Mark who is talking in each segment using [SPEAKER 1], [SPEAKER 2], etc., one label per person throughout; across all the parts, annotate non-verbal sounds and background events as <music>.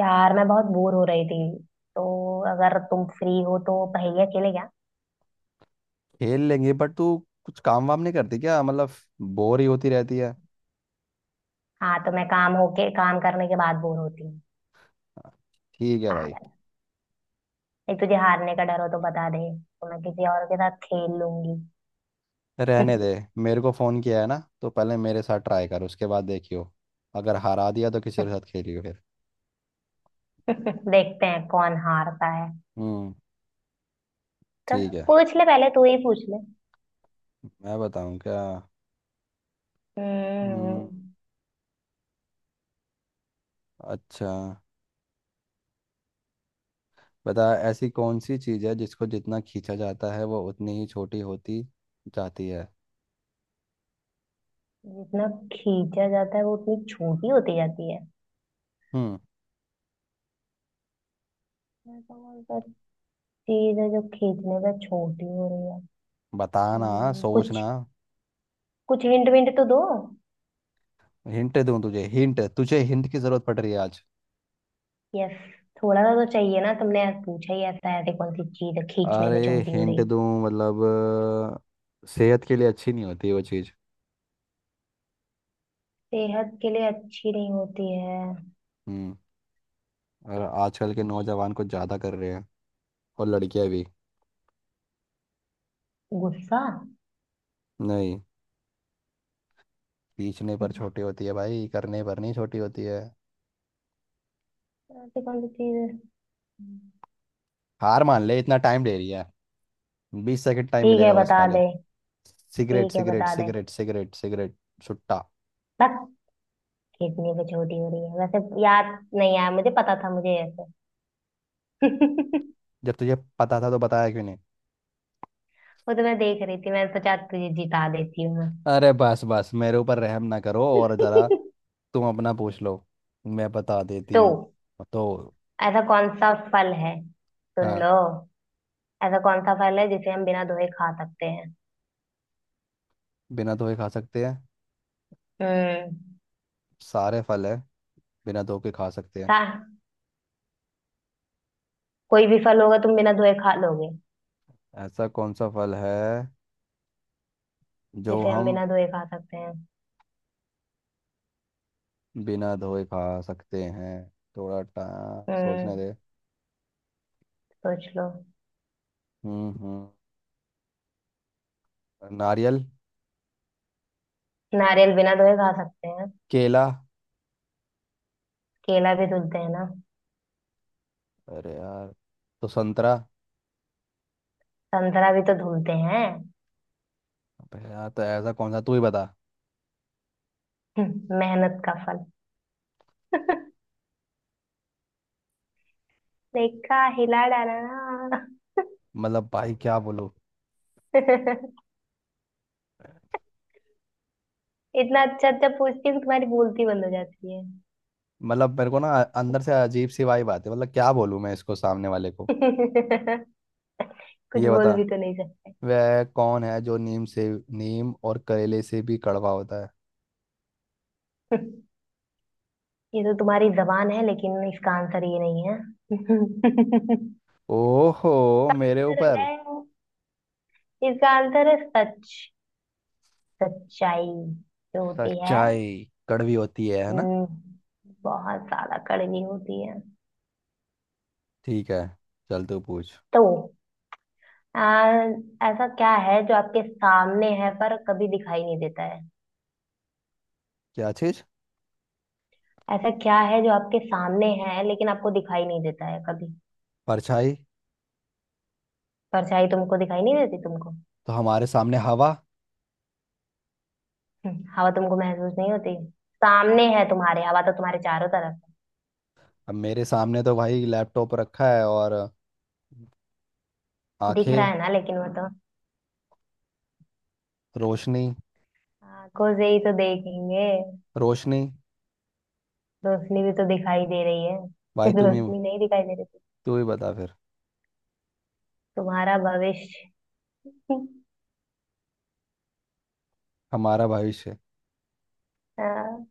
[SPEAKER 1] यार, मैं बहुत बोर हो रही थी, तो अगर तुम फ्री हो तो पहेलियाँ खेले क्या।
[SPEAKER 2] खेल लेंगे बट तू कुछ काम वाम नहीं करती क्या। मतलब बोर ही होती रहती है।
[SPEAKER 1] हाँ, तो मैं काम होके काम करने के बाद बोर होती हूँ।
[SPEAKER 2] ठीक है भाई।
[SPEAKER 1] पागल। नहीं, तुझे हारने का डर हो तो बता दे तो मैं किसी और के साथ खेल लूंगी।
[SPEAKER 2] रहने दे।
[SPEAKER 1] <laughs>
[SPEAKER 2] मेरे को फ़ोन किया है ना, तो पहले मेरे साथ ट्राई कर, उसके बाद देखियो। अगर हरा दिया तो किसी के साथ खेलियो फिर।
[SPEAKER 1] देखते हैं कौन हारता है।
[SPEAKER 2] हम्म।
[SPEAKER 1] तो
[SPEAKER 2] ठीक है।
[SPEAKER 1] पूछ ले, पहले तू ही पूछ ले।
[SPEAKER 2] मैं बताऊं क्या? हम्म।
[SPEAKER 1] हम्म।
[SPEAKER 2] अच्छा, बता ऐसी कौन सी चीज़ है जिसको जितना खींचा जाता है वो उतनी ही छोटी होती जाती है।
[SPEAKER 1] जितना खींचा जाता है वो उतनी छोटी होती जाती है।
[SPEAKER 2] हम्म।
[SPEAKER 1] ऐसा कौन सा चीज है जो खींचने पे छोटी हो रही है।
[SPEAKER 2] बताना। सोचना।
[SPEAKER 1] कुछ। कुछ हिंट विंट तो दो।
[SPEAKER 2] हिंट दूं? तुझे हिंट, तुझे हिंट की ज़रूरत पड़ रही है आज?
[SPEAKER 1] यस। थोड़ा सा तो चाहिए ना, तुमने आज पूछा ही ऐसा है, ऐसी कौन सी चीज है खींचने
[SPEAKER 2] अरे
[SPEAKER 1] पे छोटी हो
[SPEAKER 2] हिंट
[SPEAKER 1] रही।
[SPEAKER 2] दूँ मतलब। सेहत के लिए अच्छी नहीं होती वो चीज़।
[SPEAKER 1] सेहत के लिए अच्छी नहीं होती है।
[SPEAKER 2] हम्म। और आजकल के
[SPEAKER 1] हम्म।
[SPEAKER 2] नौजवान कुछ ज़्यादा कर रहे हैं। और लड़कियां भी।
[SPEAKER 1] गुस्सा।
[SPEAKER 2] नहीं, पीछने पर
[SPEAKER 1] हम्म,
[SPEAKER 2] छोटी होती है भाई, करने पर नहीं छोटी होती है।
[SPEAKER 1] ऐसी कौन सी चीज है। हम्म।
[SPEAKER 2] हार मान ले, इतना टाइम ले रही है। बीस सेकंड टाइम
[SPEAKER 1] ठीक है,
[SPEAKER 2] मिलेगा बस
[SPEAKER 1] बता
[SPEAKER 2] खाली।
[SPEAKER 1] दे।
[SPEAKER 2] सिगरेट
[SPEAKER 1] ठीक है,
[SPEAKER 2] सिगरेट
[SPEAKER 1] बता दे।
[SPEAKER 2] Cigarette cigarette cigarette. सुट्टा।
[SPEAKER 1] बस। खींचने पे छोटी हो रही है वैसे, याद नहीं आया। मुझे पता था मुझे, ऐसे। <laughs>
[SPEAKER 2] जब तुझे पता था तो बताया क्यों नहीं?
[SPEAKER 1] वो तो मैं देख रही थी, मैंने सोचा तुझे जिता देती हूँ मैं।
[SPEAKER 2] अरे बस बस, मेरे ऊपर रहम ना करो और ज़रा।
[SPEAKER 1] <laughs>
[SPEAKER 2] तुम अपना पूछ लो। मैं बता देती
[SPEAKER 1] तो
[SPEAKER 2] हूँ। तो।
[SPEAKER 1] ऐसा कौन सा फल है, सुन
[SPEAKER 2] हाँ।
[SPEAKER 1] लो। ऐसा कौन सा फल है जिसे हम बिना धोए खा सकते हैं।
[SPEAKER 2] बिना धोए खा सकते हैं?
[SPEAKER 1] हम्म।
[SPEAKER 2] सारे फल है बिना धो के खा सकते हैं।
[SPEAKER 1] था। कोई भी फल होगा तुम बिना धोए खा लोगे।
[SPEAKER 2] ऐसा कौन सा फल है जो
[SPEAKER 1] जिसे हम
[SPEAKER 2] हम
[SPEAKER 1] बिना धोए खा सकते हैं।
[SPEAKER 2] बिना धोए खा सकते हैं? थोड़ा टा
[SPEAKER 1] हम्म।
[SPEAKER 2] सोचने दे।
[SPEAKER 1] सोच लो।
[SPEAKER 2] हम्म। नारियल।
[SPEAKER 1] नारियल बिना धोए खा सकते हैं।
[SPEAKER 2] केला।
[SPEAKER 1] केला भी धुलते हैं ना।
[SPEAKER 2] अरे यार, तो संतरा।
[SPEAKER 1] संतरा भी तो धुलते हैं।
[SPEAKER 2] अबे यार तो ऐसा कौन सा, तू ही बता।
[SPEAKER 1] मेहनत का फल। <laughs> देखा, हिला डाला ना।
[SPEAKER 2] मतलब भाई क्या बोलूं।
[SPEAKER 1] <laughs> इतना अच्छा अच्छा पूछती हूँ, तुम्हारी बोलती बंद हो जाती है।
[SPEAKER 2] मतलब मेरे को ना अंदर से अजीब सी वाई बात है, मतलब क्या बोलूं मैं इसको, सामने वाले को।
[SPEAKER 1] <laughs> कुछ
[SPEAKER 2] ये बता,
[SPEAKER 1] बोल भी तो नहीं सकते।
[SPEAKER 2] वह कौन है जो नीम से, नीम और करेले से भी कड़वा होता है?
[SPEAKER 1] <laughs> ये तो तुम्हारी जबान है, लेकिन इसका आंसर ये नहीं है। <laughs>
[SPEAKER 2] ओहो
[SPEAKER 1] इसका
[SPEAKER 2] मेरे
[SPEAKER 1] आंसर है,
[SPEAKER 2] ऊपर।
[SPEAKER 1] इसका आंसर है सच। सच्चाई जो होती है।
[SPEAKER 2] सच्चाई कड़वी होती है ना।
[SPEAKER 1] हम्म, बहुत ज्यादा कड़वी होती है।
[SPEAKER 2] ठीक है, चल तू पूछ।
[SPEAKER 1] तो आ, ऐसा क्या है जो आपके सामने है पर कभी दिखाई नहीं देता है।
[SPEAKER 2] क्या चीज?
[SPEAKER 1] ऐसा क्या है जो आपके सामने है लेकिन आपको दिखाई नहीं देता है कभी।
[SPEAKER 2] परछाई।
[SPEAKER 1] परछाई तुमको दिखाई नहीं देती तुमको?
[SPEAKER 2] तो हमारे सामने हवा।
[SPEAKER 1] हवा तुमको महसूस नहीं होती। सामने है तुम्हारे, हवा तो तुम्हारे चारों तरफ है।
[SPEAKER 2] अब मेरे सामने तो भाई लैपटॉप रखा है और।
[SPEAKER 1] दिख रहा
[SPEAKER 2] आंखें।
[SPEAKER 1] है ना, लेकिन वो तो
[SPEAKER 2] रोशनी।
[SPEAKER 1] आंखों से ही तो देखेंगे।
[SPEAKER 2] रोशनी।
[SPEAKER 1] रोशनी भी तो दिखाई दे रही है।
[SPEAKER 2] भाई
[SPEAKER 1] <laughs>
[SPEAKER 2] तुम ही,
[SPEAKER 1] रोशनी नहीं दिखाई दे रही थी।
[SPEAKER 2] तू ही बता फिर।
[SPEAKER 1] तुम्हारा भविष्य। <laughs>
[SPEAKER 2] हमारा भविष्य।
[SPEAKER 1] हाँ,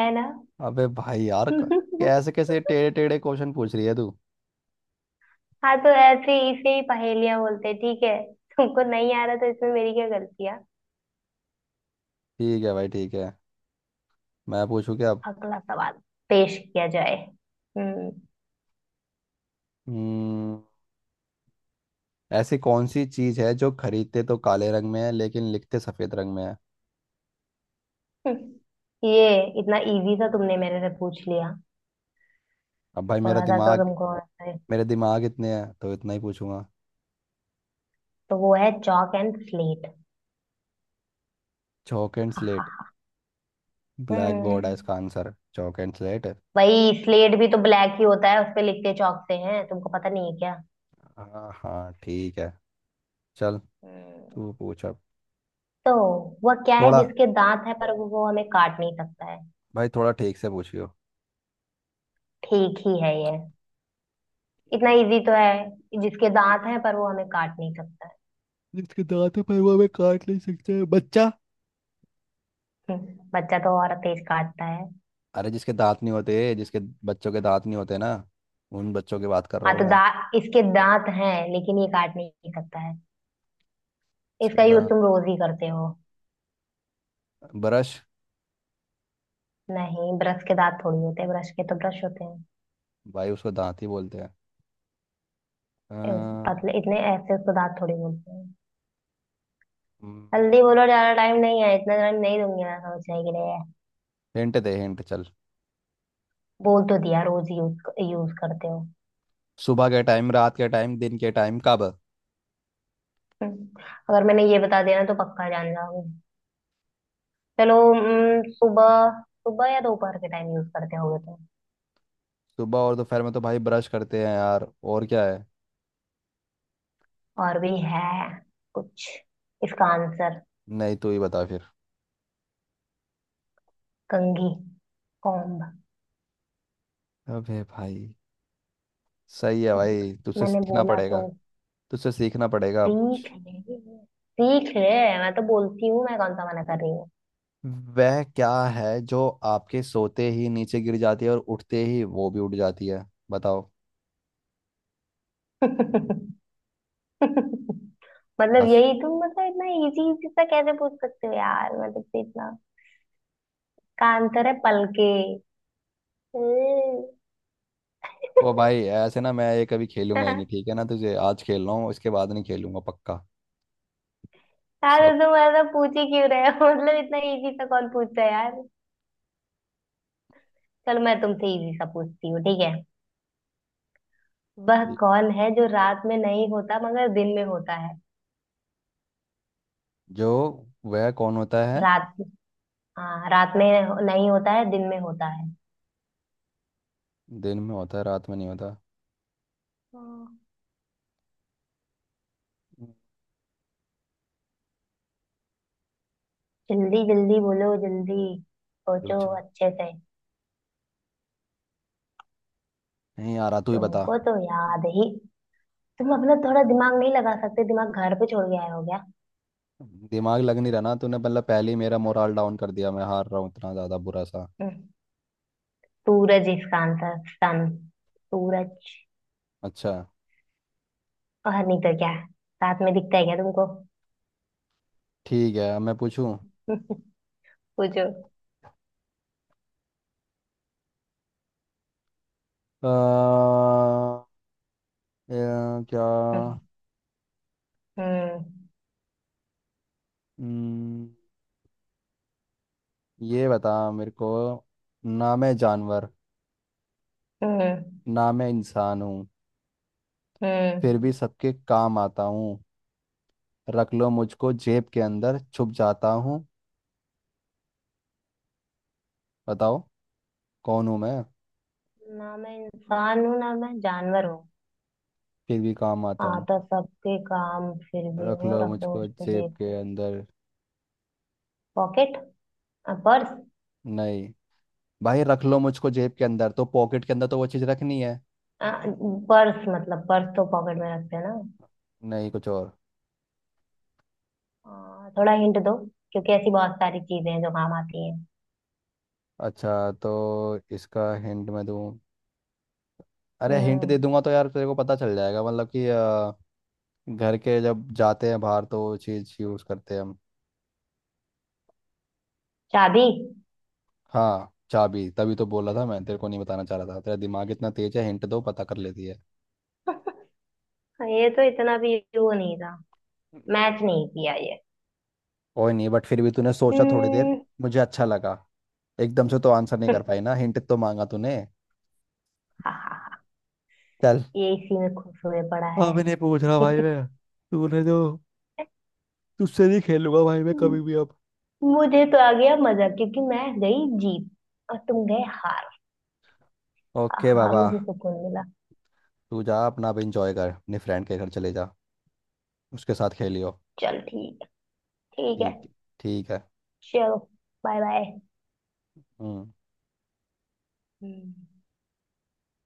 [SPEAKER 1] है ना।
[SPEAKER 2] अबे भाई यार,
[SPEAKER 1] <laughs>
[SPEAKER 2] कैसे कैसे टेढ़े टेढ़े क्वेश्चन पूछ रही है तू।
[SPEAKER 1] हाँ, तो ऐसे इसे ही पहेलियां बोलते हैं, ठीक है। तुमको नहीं आ रहा तो इसमें मेरी क्या गलती है।
[SPEAKER 2] ठीक है भाई, ठीक है। मैं पूछूं क्या अब?
[SPEAKER 1] अगला सवाल पेश किया जाए। हम्म।
[SPEAKER 2] हम्म, ऐसी कौन सी चीज है जो खरीदते तो काले रंग में है लेकिन लिखते सफेद रंग में है?
[SPEAKER 1] <laughs> ये इतना इजी सा तुमने मेरे से पूछ लिया।
[SPEAKER 2] अब भाई मेरा
[SPEAKER 1] थोड़ा सा तो
[SPEAKER 2] दिमाग,
[SPEAKER 1] तुमको आता है।
[SPEAKER 2] मेरे दिमाग इतने हैं तो इतना ही पूछूंगा।
[SPEAKER 1] तो वो है chalk and slate.
[SPEAKER 2] Chalk and slate?
[SPEAKER 1] <laughs>
[SPEAKER 2] Black
[SPEAKER 1] hmm.
[SPEAKER 2] Board है, इसका आंसर चौक एंड स्लेट है।
[SPEAKER 1] वही, स्लेट भी तो ब्लैक ही होता है, उस पे लिखते चौक से हैं, तुमको पता नहीं है क्या।
[SPEAKER 2] हाँ हाँ ठीक है। चल
[SPEAKER 1] हम्म।
[SPEAKER 2] तू पूछ अब।
[SPEAKER 1] तो वह क्या है
[SPEAKER 2] थोड़ा,
[SPEAKER 1] जिसके दांत है पर वो हमें काट नहीं सकता है।
[SPEAKER 2] भाई थोड़ा ठीक से पूछियो।
[SPEAKER 1] ठीक ही है ये। इतना इजी तो है, जिसके दांत है पर वो हमें काट नहीं सकता है।
[SPEAKER 2] जिसके दांत है पर वो हमें काट नहीं सकते, बच्चा।
[SPEAKER 1] बच्चा तो और तेज काटता है।
[SPEAKER 2] अरे जिसके दांत नहीं होते, जिसके बच्चों के दांत नहीं होते ना, उन बच्चों की बात कर रहा
[SPEAKER 1] हाँ,
[SPEAKER 2] हूँ
[SPEAKER 1] तो
[SPEAKER 2] मैं।
[SPEAKER 1] दांत, इसके दांत हैं लेकिन ये काट नहीं सकता है। इसका
[SPEAKER 2] जिसके
[SPEAKER 1] यूज
[SPEAKER 2] दांत,
[SPEAKER 1] तुम रोज ही करते हो।
[SPEAKER 2] ब्रश।
[SPEAKER 1] नहीं, ब्रश के दांत थोड़ी होते हैं, ब्रश के तो ब्रश होते हैं।
[SPEAKER 2] भाई उसको दांत ही बोलते हैं।
[SPEAKER 1] इस, पतले इतने ऐसे, उसको दांत थोड़ी बोलते हैं। जल्दी बोलो, ज्यादा टाइम नहीं है, इतना टाइम नहीं दूंगी मैं समझने के लिए।
[SPEAKER 2] हिंट दे हिंट, चल।
[SPEAKER 1] बोल तो दिया, रोज यूज यूज करते हो।
[SPEAKER 2] सुबह के टाइम, रात के टाइम, दिन के टाइम, कब?
[SPEAKER 1] हम्म, अगर मैंने ये बता दिया ना तो पक्का जान जाओगे। चलो, सुबह। सुबह या दोपहर के टाइम यूज करते होगे तो।
[SPEAKER 2] सुबह और दोपहर में तो भाई ब्रश करते हैं यार, और क्या है?
[SPEAKER 1] और भी है कुछ इसका आंसर।
[SPEAKER 2] नहीं तू ही बता फिर।
[SPEAKER 1] कंघी। कॉम्ब।
[SPEAKER 2] अबे भाई। सही है
[SPEAKER 1] हम्म,
[SPEAKER 2] भाई, तुझसे
[SPEAKER 1] मैंने
[SPEAKER 2] सीखना
[SPEAKER 1] बोला
[SPEAKER 2] पड़ेगा।
[SPEAKER 1] तो।
[SPEAKER 2] तुझसे सीखना पड़ेगा अब
[SPEAKER 1] सीख
[SPEAKER 2] कुछ।
[SPEAKER 1] ले। सीख ले। मैं तो बोलती हूँ, मैं कौन सा मना कर रही
[SPEAKER 2] वह क्या है जो आपके सोते ही नीचे गिर जाती है और उठते ही वो भी उठ जाती है, बताओ?
[SPEAKER 1] हूँ। <laughs> मतलब
[SPEAKER 2] बस।
[SPEAKER 1] यही तुम, मतलब इतना इजी इजी सा कैसे पूछ सकते हो यार, मतलब से इतना का अंतर है, पलके। <laughs>
[SPEAKER 2] ओ भाई, ऐसे ना मैं ये कभी खेलूंगा ही नहीं, ठीक है ना। तुझे आज खेल रहा हूँ, इसके बाद नहीं खेलूंगा पक्का।
[SPEAKER 1] यार
[SPEAKER 2] सब।
[SPEAKER 1] तुम ऐसा पूछ ही क्यों रहे हो। <laughs> मतलब इतना इजी सा कौन पूछता है यार। चलो, मैं तुमसे इजी सा पूछती हूँ, ठीक है। वह
[SPEAKER 2] ठीक है,
[SPEAKER 1] कौन है जो रात में नहीं होता मगर दिन में होता है।
[SPEAKER 2] जो वह कौन होता है।
[SPEAKER 1] रात। हाँ, रात में नहीं होता है, दिन में होता है।
[SPEAKER 2] दिन में होता है रात में नहीं होता।
[SPEAKER 1] हाँ। जल्दी जल्दी बोलो, जल्दी।
[SPEAKER 2] रुक
[SPEAKER 1] सोचो
[SPEAKER 2] जा।
[SPEAKER 1] अच्छे से।
[SPEAKER 2] नहीं आ रहा, तू ही बता।
[SPEAKER 1] तुमको तो याद ही। तुम अपना थोड़ा दिमाग नहीं लगा सकते, दिमाग घर पे छोड़ के आए हो क्या।
[SPEAKER 2] दिमाग लग नहीं रहा ना, तूने मतलब पहले ही मेरा मोराल डाउन कर दिया। मैं हार रहा हूँ इतना ज़्यादा बुरा सा।
[SPEAKER 1] हम्म, सूरज। इसका आंसर सन, सूरज।
[SPEAKER 2] अच्छा।
[SPEAKER 1] और नहीं तो क्या। साथ में दिखता है क्या तुमको।
[SPEAKER 2] ठीक है अब मैं पूछूं।
[SPEAKER 1] <laughs> पूछो।
[SPEAKER 2] अ, क्या।
[SPEAKER 1] हम्म। हम्म।
[SPEAKER 2] हम्म, ये बता मेरे को। ना मैं जानवर, ना मैं इंसान हूँ।
[SPEAKER 1] हम्म।
[SPEAKER 2] फिर भी सबके काम आता हूँ। रख लो मुझको जेब के अंदर छुप जाता हूँ। बताओ, कौन हूँ मैं?
[SPEAKER 1] ना मैं इंसान हूँ, ना मैं जानवर हूँ।
[SPEAKER 2] फिर भी काम आता हूँ,
[SPEAKER 1] आता सबके काम फिर भी
[SPEAKER 2] रख लो
[SPEAKER 1] हूँ, रखो
[SPEAKER 2] मुझको
[SPEAKER 1] उसको
[SPEAKER 2] जेब
[SPEAKER 1] जेब
[SPEAKER 2] के
[SPEAKER 1] में।
[SPEAKER 2] अंदर।
[SPEAKER 1] पॉकेट। हाँ, पर्स।
[SPEAKER 2] नहीं। भाई रख लो मुझको जेब के अंदर तो पॉकेट के अंदर तो वो चीज़ रखनी है।
[SPEAKER 1] हाँ, पर्स मतलब, पर्स तो पॉकेट में रखते हैं ना।
[SPEAKER 2] नहीं, कुछ और।
[SPEAKER 1] थोड़ा हिंट दो। क्योंकि ऐसी बहुत सारी चीजें हैं जो काम आती हैं।
[SPEAKER 2] अच्छा तो इसका हिंट मैं दूँ। अरे हिंट दे
[SPEAKER 1] हम्म।
[SPEAKER 2] दूंगा तो यार तेरे को पता चल जाएगा, मतलब कि घर के जब जाते हैं बाहर तो वो चीज़ यूज़ करते हैं हम।
[SPEAKER 1] शादी।
[SPEAKER 2] हाँ चाबी, तभी तो बोला था मैं तेरे को नहीं बताना चाह रहा था, तेरा दिमाग इतना तेज है, हिंट दो पता कर लेती है।
[SPEAKER 1] <laughs> ये तो इतना भी वो नहीं था। मैच नहीं किया ये।
[SPEAKER 2] कोई नहीं, बट फिर भी तूने सोचा थोड़ी देर।
[SPEAKER 1] हम्म।
[SPEAKER 2] मुझे अच्छा लगा। एकदम से तो आंसर नहीं कर पाई
[SPEAKER 1] <laughs>
[SPEAKER 2] ना, हिंट तो मांगा तूने।
[SPEAKER 1] हा हा हा।
[SPEAKER 2] चल।
[SPEAKER 1] ये इसी में खुश हुए पड़ा है।
[SPEAKER 2] अभी
[SPEAKER 1] <laughs>
[SPEAKER 2] नहीं पूछ रहा भाई मैं, तूने जो। तुझसे नहीं खेलूंगा भाई मैं कभी
[SPEAKER 1] हम्म,
[SPEAKER 2] भी अब।
[SPEAKER 1] मुझे तो आ गया मजा, क्योंकि मैं गई जीत और तुम गए हार। हाँ
[SPEAKER 2] ओके
[SPEAKER 1] हाँ,
[SPEAKER 2] बाबा।
[SPEAKER 1] मुझे सुकून मिला।
[SPEAKER 2] तू जा अपना अब, इंजॉय कर, अपने फ्रेंड के घर चले जा, उसके साथ खेलियो।
[SPEAKER 1] चल, ठीक। ठीक है।
[SPEAKER 2] ठीक, ठीक है।
[SPEAKER 1] चलो, बाय बाय।
[SPEAKER 2] हम्म।
[SPEAKER 1] हम्म।